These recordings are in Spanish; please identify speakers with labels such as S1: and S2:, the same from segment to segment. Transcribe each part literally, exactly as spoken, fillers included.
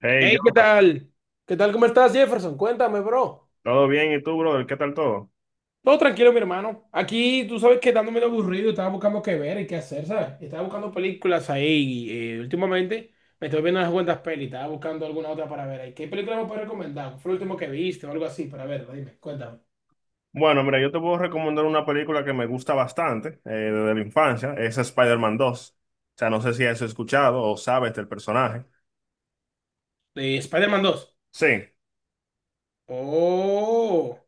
S1: Hey, yo,
S2: Hey, ¿qué tal? ¿Qué tal? ¿Cómo estás, Jefferson? Cuéntame, bro.
S1: ¿todo bien? ¿Y tú, brother? ¿Qué tal todo?
S2: Todo tranquilo, mi hermano. Aquí, tú sabes que dándome aburrido, estaba buscando qué ver y qué hacer, ¿sabes? Estaba buscando películas ahí. Eh, últimamente me estoy viendo unas cuantas pelis, estaba buscando alguna otra para ver ahí. ¿Qué película me puedes recomendar? ¿Cuál ¿Fue el último que viste o algo así? Para ver, dime, cuéntame.
S1: Bueno, mira, yo te puedo recomendar una película que me gusta bastante eh, desde la infancia. Es Spider-Man dos. O sea, no sé si has escuchado o sabes del personaje.
S2: Eh, Spider-Man dos.
S1: Sí,
S2: Oh,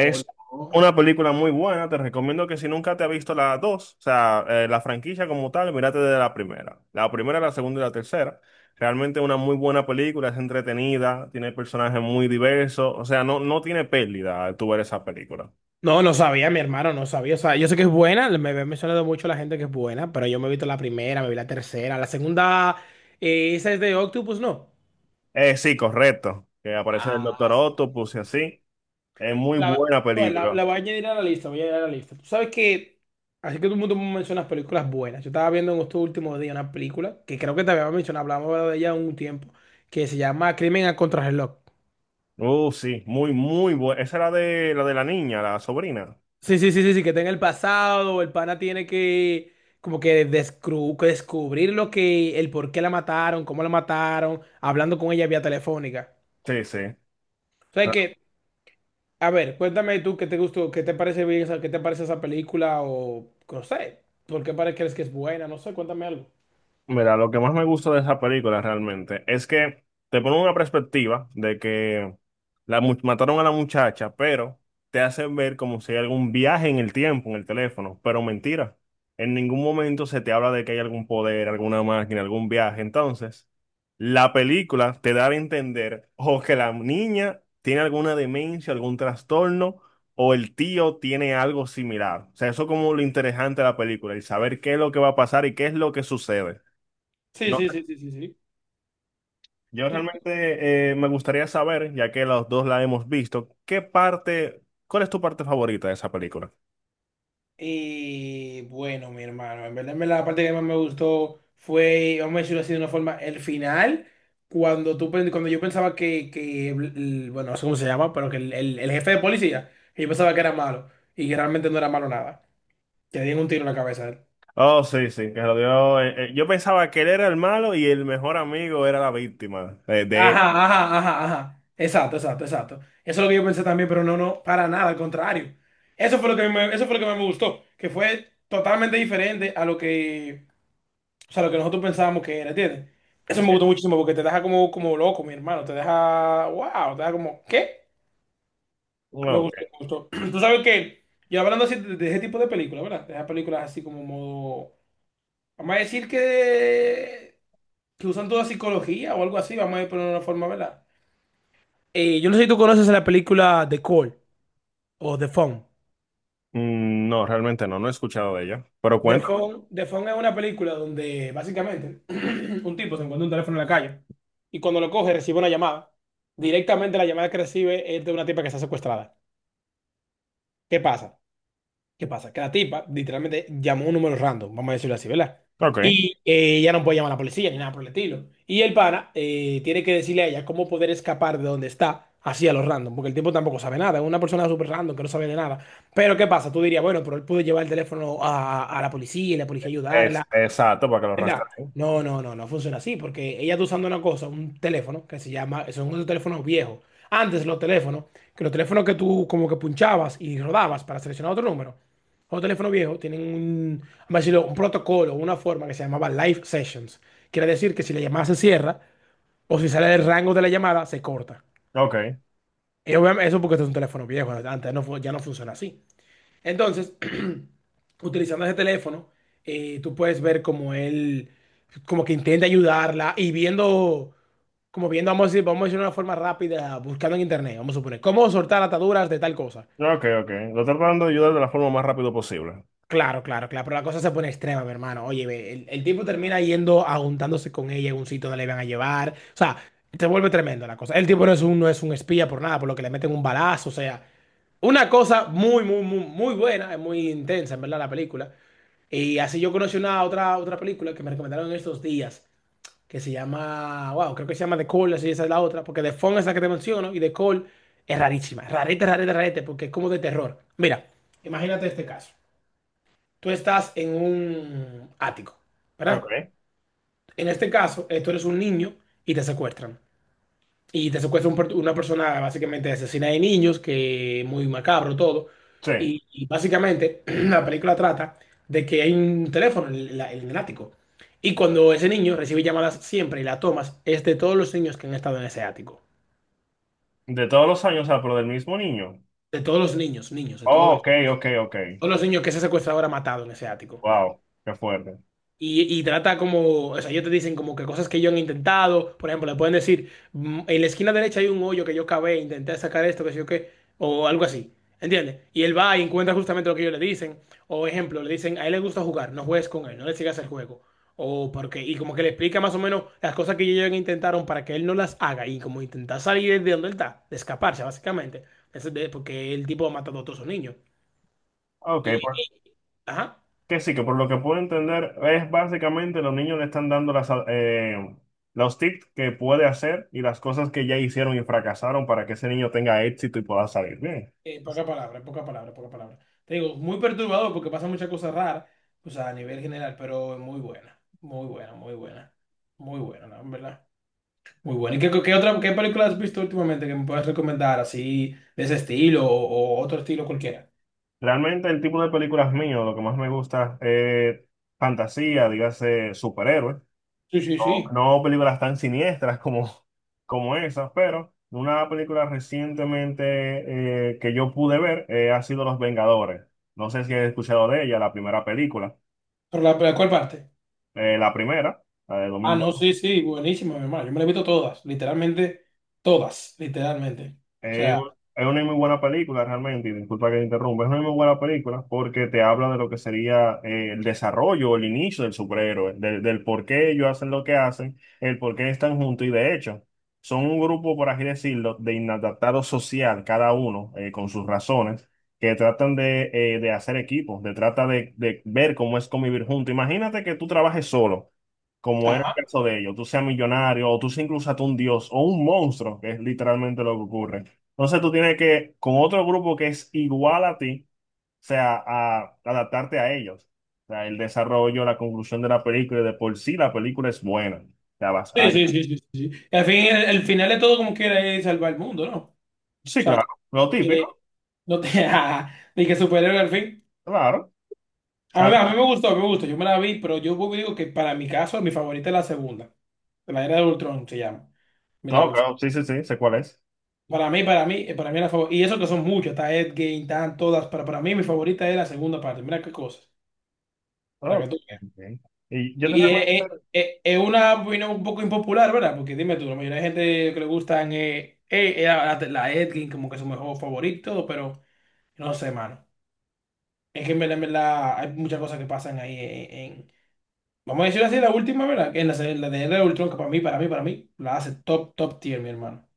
S2: oh, no.
S1: una película muy buena. Te recomiendo que si nunca te has visto la dos, o sea, eh, la franquicia como tal, mírate de la primera. La primera, la segunda y la tercera. Realmente una muy buena película, es entretenida, tiene personajes muy diversos. O sea, no, no tiene pérdida al tú ver esa película.
S2: No, no sabía, mi hermano, no sabía. O sea, yo sé que es buena, me me ha mencionado mucho la gente que es buena, pero yo me he visto la primera, me vi la tercera, la segunda, eh, esa es de Octopus, ¿no?
S1: Eh, sí, correcto. Que aparece el Doctor
S2: Ah, sí.
S1: Octopus y así. Es muy
S2: La,
S1: buena
S2: pues, la- la
S1: película.
S2: voy a añadir a la lista, voy a añadir a la lista. Tú sabes que, así que todo el mundo me menciona películas buenas. Yo estaba viendo en estos últimos días una película que creo que te había mencionado, hablamos de ella un tiempo, que se llama Crimen a Contrarreloj.
S1: Uh, sí, muy, muy buena. Esa era de la de la niña, la sobrina.
S2: Sí, sí, sí, sí, sí, que está en el pasado, el pana tiene que como que descru- que descubrir lo que, el por qué la mataron, cómo la mataron, hablando con ella vía telefónica.
S1: Sí, sí.
S2: O sea que, a ver, cuéntame tú qué te gustó, qué te parece bien, esa- qué te parece esa película o no sé, por qué pare- crees que es buena, no sé, cuéntame algo.
S1: Mira, lo que más me gusta de esa película realmente es que te pone una perspectiva de que la mu- mataron a la muchacha, pero te hacen ver como si hay algún viaje en el tiempo, en el teléfono, pero mentira. En ningún momento se te habla de que hay algún poder, alguna máquina, algún viaje. Entonces, la película te da a entender o que la niña tiene alguna demencia, algún trastorno, o el tío tiene algo similar. O sea, eso es como lo interesante de la película, el saber qué es lo que va a pasar y qué es lo que sucede.
S2: Sí,
S1: No,
S2: sí, sí, sí, sí,
S1: yo
S2: sí.
S1: realmente eh, me gustaría saber, ya que los dos la hemos visto, ¿qué parte, cuál es tu parte favorita de esa película?
S2: Y bueno, mi hermano, en verdad, en verdad, la parte que más me gustó fue, vamos a decirlo así de una forma, el final, cuando tú, pen- cuando yo pensaba que, que el- bueno, no sé cómo se llama, pero que el, el- el jefe de policía, que yo pensaba que era malo, y que realmente no era malo nada, que le dieron un tiro en la cabeza a él.
S1: Oh, sí, sí, que lo dio. Eh, eh, yo pensaba que él era el malo y el mejor amigo era la víctima eh, de él.
S2: Ajá, ajá, ajá, ajá, exacto, exacto, exacto. Eso es lo que yo pensé también, pero no, no, para nada, al contrario. Eso fue lo que me- eso fue lo que más me gustó, que fue totalmente diferente a lo que... O sea, lo que nosotros pensábamos que era, ¿entiendes? Eso
S1: Sí.
S2: me gustó muchísimo porque te deja como, como loco, mi hermano. Te deja, wow, te deja como, ¿qué? Me
S1: No, ok.
S2: gustó, me gustó. Tú sabes que, yo hablando así de, de ese tipo de películas, ¿verdad? De esas películas así como modo, vamos a decir que, que usan toda psicología o algo así, vamos a poner de una forma, ¿verdad? Eh, yo no sé si tú conoces la película The Call o The Phone.
S1: Mm, no, realmente no, no he escuchado de ella. Pero
S2: The
S1: cuenta.
S2: Phone, The Phone es una película donde básicamente un tipo se encuentra un teléfono en la calle y cuando lo coge recibe una llamada. Directamente la llamada que recibe es de una tipa que está secuestrada. ¿Qué pasa? ¿Qué pasa? Que la tipa literalmente llamó un número random, vamos a decirlo así, ¿verdad?
S1: Ok.
S2: Y eh, ella no puede llamar a la policía ni nada por el estilo. Y el pana eh, tiene que decirle a ella cómo poder escapar de donde está así a lo random, porque el tipo tampoco sabe nada, es una persona súper random que no sabe de nada. Pero ¿qué pasa? Tú dirías, bueno, pero él pudo llevar el teléfono a, a la policía y la policía ayudarla.
S1: Es, exacto, para que lo
S2: ¿Verdad?
S1: rastreen.
S2: No, no, no, no funciona así, porque ella está usando una cosa, un teléfono que se llama, son unos teléfonos viejos. Antes los teléfonos, que los teléfonos que tú como que punchabas y rodabas para seleccionar otro número, los teléfonos viejos tienen un, vamos a decirlo, un protocolo, una forma que se llamaba live sessions. Quiere decir que si la llamada se cierra o si sale del rango de la llamada, se corta.
S1: Ok.
S2: Y obviamente, eso porque este es un teléfono viejo, antes no, fu- ya no funciona así. Entonces, utilizando ese teléfono, eh, tú puedes ver como él, como que intenta ayudarla y viendo, como viendo, vamos a decir, vamos a decir de una forma rápida, buscando en internet, vamos a suponer, cómo soltar ataduras de tal cosa.
S1: Ok, ok. Lo tratando de ayudar de la forma más rápido posible.
S2: Claro, claro, claro, pero la cosa se pone extrema, mi hermano. Oye, ve, el, el tipo termina yendo, aguntándose con ella en un sitio donde le van a llevar. O sea, se vuelve tremendo la cosa. El tipo no es un, no es un espía por nada, por lo que le meten un balazo, o sea, una cosa muy, muy, muy, muy buena, es muy intensa, en verdad, la película. Y así yo conocí una otra, otra película que me recomendaron en estos días, que se llama, wow, creo que se llama The Call, así esa es la otra, porque The Phone es la que te menciono y The Call es rarísima, rarete, rarete, rarete, porque es como de terror. Mira, imagínate este caso. Tú estás en un ático, ¿verdad?
S1: Ok.
S2: En este caso, eh, tú eres un niño y te secuestran. Y te secuestra un per- una persona básicamente asesina de niños, que muy macabro todo.
S1: Sí.
S2: Y, y básicamente la película trata de que hay un teléfono en, la- en el ático. Y cuando ese niño recibe llamadas siempre y la tomas, es de todos los niños que han estado en ese ático.
S1: De todos los años, o sea, pero del mismo niño.
S2: De todos los niños, niños, de
S1: Oh,
S2: todos los,
S1: ok, ok, ok.
S2: todos los niños que ese secuestrador ha matado en ese ático.
S1: Wow, qué fuerte.
S2: Y, y trata como, o sea, ellos te dicen como que cosas que ellos han intentado, por ejemplo, le pueden decir, "Mm, en la esquina derecha hay un hoyo que yo cavé, intenté sacar esto, que sé yo qué, o algo así, ¿entiendes? Y él va y encuentra justamente lo que ellos le dicen, o ejemplo, le dicen, a él le gusta jugar, no juegues con él, no le sigas el juego, o porque, y como que le explica más o menos las cosas que ellos intentaron para que él no las haga, y como intentar salir de donde él está, de escaparse, básicamente, Eso es de- porque el tipo ha matado a todos sus niños.
S1: Ok,
S2: Y,
S1: por-
S2: ajá.
S1: que sí, que por lo que puedo entender, es básicamente los niños le están dando las, eh, los tips que puede hacer y las cosas que ya hicieron y fracasaron para que ese niño tenga éxito y pueda salir bien.
S2: En pocas palabras, en pocas palabras, en pocas palabras. Te digo, muy perturbador porque pasa muchas cosas raras, o sea, a nivel general, pero es muy buena, muy buena, muy buena, muy buena, ¿no? En verdad. Muy buena. ¿Y qué, qué otra, qué película has visto últimamente que me puedas recomendar así, de ese estilo o, o otro estilo cualquiera?
S1: Realmente el tipo de películas mío, lo que más me gusta es fantasía, dígase superhéroes.
S2: Sí, sí, sí.
S1: No, no películas tan siniestras como, como esas, pero una película recientemente eh, que yo pude ver eh, ha sido Los Vengadores. No sé si has escuchado de ella, la primera película.
S2: ¿Pero la, la cuál parte?
S1: Eh, la primera, la de
S2: Ah, no, sí, sí, buenísima, mi hermano. Yo me la he visto todas, literalmente, todas, literalmente. O
S1: es,
S2: sea,
S1: un- es una muy buena película realmente, y disculpa que te interrumpa, es una muy buena película porque te habla de lo que sería eh, el desarrollo o el inicio del superhéroe, del, del por qué ellos hacen lo que hacen, el por qué están juntos y de hecho son un grupo, por así decirlo, de inadaptados social, cada uno eh, con sus razones, que tratan de, eh, de hacer equipo, de trata de, de ver cómo es convivir juntos. Imagínate que tú trabajes solo, como era el
S2: ajá.
S1: caso de ellos, tú seas millonario o tú seas incluso hasta un dios o un monstruo, que es literalmente lo que ocurre. Entonces tú tienes que, con otro grupo que es igual a ti, o sea, a adaptarte a ellos. O sea, el desarrollo, la conclusión de la película, y de por sí la película es buena. O sea, vas a...
S2: Sí, sí, sí, sí, sí. sí. Y al fin, el, el final de todo como quiera es salvar el mundo, ¿no? O
S1: Sí,
S2: sea,
S1: claro, lo típico,
S2: que no te, ni que superhéroe al fin.
S1: claro.
S2: A mí, a mí
S1: Salva.
S2: me gustó, a mí me gustó. Yo me la vi, pero yo vuelvo y digo que para mi caso, mi favorita es la segunda. La era de Ultron se llama. Mira,
S1: No,
S2: pues,
S1: claro, sí, sí, sí, sé cuál es.
S2: para mí, para mí, eh, para mí la favorita. Y eso que son muchas, está Endgame, están todas, pero para mí mi favorita es la segunda parte. Mira qué cosas. Para
S1: Ok,
S2: que tú...
S1: ok. Y yo te
S2: Y es, es-
S1: realmente,
S2: es- es una opinión un poco impopular, ¿verdad? Porque dime tú, la mayoría de gente que le gustan eh, eh, eh, la, la la Endgame como que es su mejor favorito, pero no sé, mano. Es que en verdad, en verdad, hay muchas cosas que pasan ahí en, en- Vamos a decirlo así, la última, ¿verdad? Que es la, serie- la de Era de Ultron, que para mí, para mí, para mí, la hace top, top tier, mi hermano.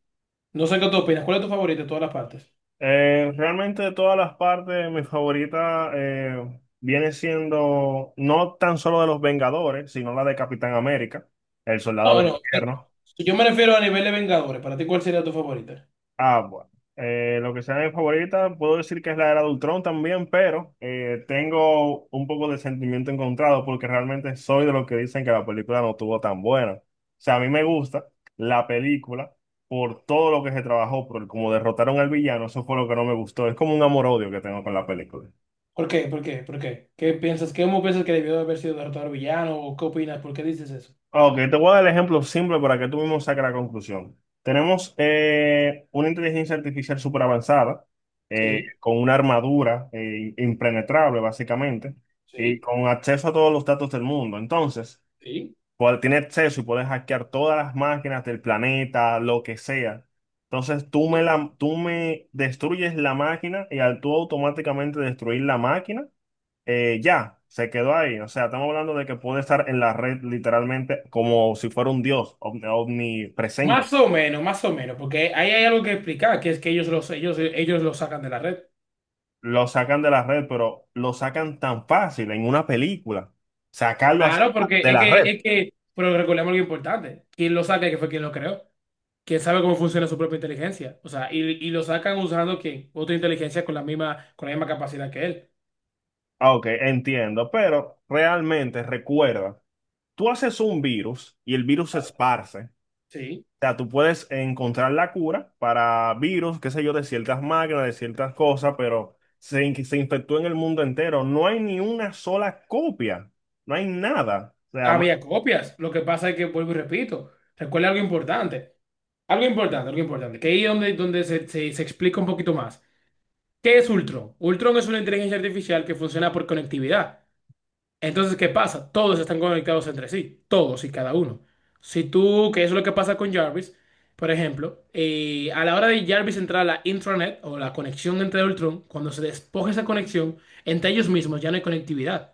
S2: No sé qué tú opinas. ¿Cuál es tu favorita de todas las partes?
S1: eh, realmente de todas las partes, mi favorita eh, viene siendo no tan solo de los Vengadores, sino la de Capitán América, el Soldado
S2: No,
S1: del
S2: no. Si,
S1: Invierno.
S2: si yo me refiero a nivel de Vengadores, ¿para ti cuál sería tu favorita?
S1: Ah, bueno. Eh, lo que sea mi favorita, puedo decir que es la era de Ultron también, pero eh, tengo un poco de sentimiento encontrado porque realmente soy de los que dicen que la película no estuvo tan buena. O sea, a mí me gusta la película por todo lo que se trabajó, por como derrotaron al villano, eso fue lo que no me gustó. Es como un amor-odio que tengo con la película.
S2: ¿Por qué? ¿Por qué? ¿Por qué? ¿Qué piensas? ¿Qué cómo piensas que debió de haber sido derrotado al villano? ¿O qué opinas? ¿Por qué dices eso?
S1: Ok, te voy a dar el ejemplo simple para que tú mismo saques la conclusión. Tenemos eh, una inteligencia artificial súper avanzada, eh,
S2: Sí,
S1: con una armadura eh, impenetrable básicamente, y
S2: sí,
S1: con acceso a todos los datos del mundo. Entonces,
S2: sí,
S1: cual- tiene acceso y puedes hackear todas las máquinas del planeta, lo que sea. Entonces, tú me,
S2: sí.
S1: la, tú me destruyes la máquina y al tú automáticamente destruir la máquina, eh, ya, se quedó ahí. O sea, estamos hablando de que puede estar en la red literalmente como si fuera un dios omni- omnipresente.
S2: Más o menos, más o menos, porque ahí hay algo que explicar, que es que ellos los, ellos, ellos los sacan de la red.
S1: Lo sacan de la red, pero lo sacan tan fácil en una película. Sacarlo así
S2: Claro, porque
S1: de
S2: es
S1: la red.
S2: que, es que, pero recordemos algo importante. Quien lo saca, que fue quien lo creó. Quien sabe cómo funciona su propia inteligencia. O sea, y, y lo sacan usando ¿quién? Otra inteligencia con la misma, con la misma capacidad que él.
S1: Ah, ok, entiendo, pero realmente recuerda, tú haces un virus y el virus se esparce.
S2: Sí.
S1: Sea, tú puedes encontrar la cura para virus, qué sé yo, de ciertas máquinas, de ciertas cosas, pero se, in- se infectó en el mundo entero. No hay ni una sola copia. No hay nada. O sea, ma-
S2: Había copias. Lo que pasa es que, vuelvo y repito, recuerda algo importante. Algo importante, algo importante. Que ahí es donde, donde se, se se explica un poquito más. ¿Qué es Ultron? Ultron es una inteligencia artificial que funciona por conectividad. Entonces, ¿qué pasa? Todos están conectados entre sí, todos y cada uno. Si tú, que eso es lo que pasa con Jarvis, por ejemplo, eh, a la hora de Jarvis entrar a la intranet o la conexión entre Ultron, cuando se despoja esa conexión, entre ellos mismos ya no hay conectividad.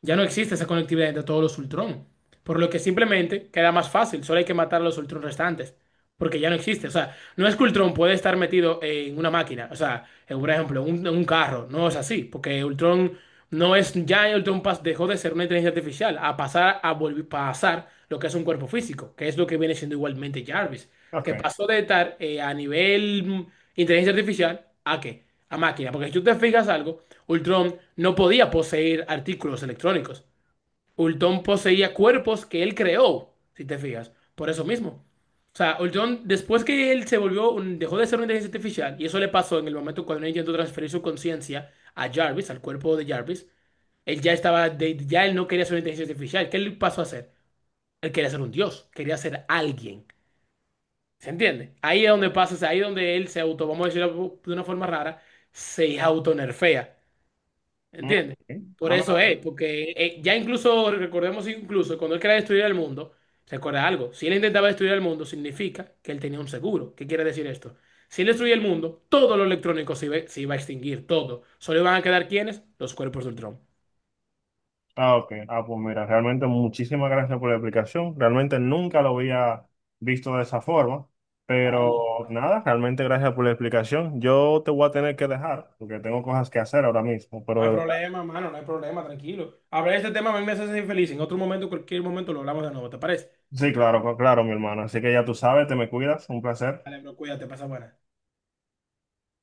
S2: Ya no existe esa conectividad entre todos los Ultron. Por lo que simplemente queda más fácil. Solo hay que matar a los Ultron restantes. Porque ya no existe. O sea, no es que Ultron puede estar metido en una máquina. O sea, en, por ejemplo, un- en un carro. No es así. Porque Ultron no es. Ya Ultron pas- dejó de ser una inteligencia artificial a pasar a volver, pasar lo que es un cuerpo físico. Que es lo que viene siendo igualmente Jarvis. Que
S1: ok.
S2: pasó de estar eh, a nivel mm, inteligencia artificial a qué? A máquina. Porque si tú te fijas algo. Ultron no podía poseer artículos electrónicos. Ultron poseía cuerpos que él creó, si te fijas, por eso mismo. O sea, Ultron, después que él se volvió, un- dejó de ser una inteligencia artificial, y eso le pasó en el momento cuando él intentó transferir su conciencia a Jarvis, al cuerpo de Jarvis, él ya estaba, de- ya él no quería ser una inteligencia artificial. ¿Qué él pasó a hacer? Él quería ser un dios, quería ser alguien. ¿Se entiende? Ahí es donde pasa, o sea, ahí es donde él se auto, vamos a decirlo de una forma rara, se autonerfea.
S1: Mm, ok.
S2: ¿Entiendes? Por
S1: Ah,
S2: eso
S1: mira.
S2: es, porque eh, ya incluso, recordemos incluso, cuando él quería destruir el mundo, recuerda algo, si él intentaba destruir el mundo, significa que él tenía un seguro. ¿Qué quiere decir esto? Si él destruía el mundo, todo lo electrónico se iba, se iba a extinguir, todo. Solo iban a quedar ¿quiénes? Los cuerpos del Ultron.
S1: Ah, ok. Ah, pues mira, realmente muchísimas gracias por la explicación. Realmente nunca lo había visto de esa forma.
S2: Claro, no,
S1: Pero nada, realmente gracias por la explicación. Yo te voy a tener que dejar porque tengo cosas que hacer ahora mismo,
S2: no
S1: pero de
S2: hay
S1: verdad.
S2: problema, mano, no hay problema, tranquilo. Hablar de este tema a mí me hace ser infeliz En otro momento, cualquier momento, lo hablamos de nuevo, ¿te parece?
S1: Sí, claro, claro, mi hermano. Así que ya tú sabes, te me cuidas. Un placer.
S2: Dale, bro, cuídate, pasa buena.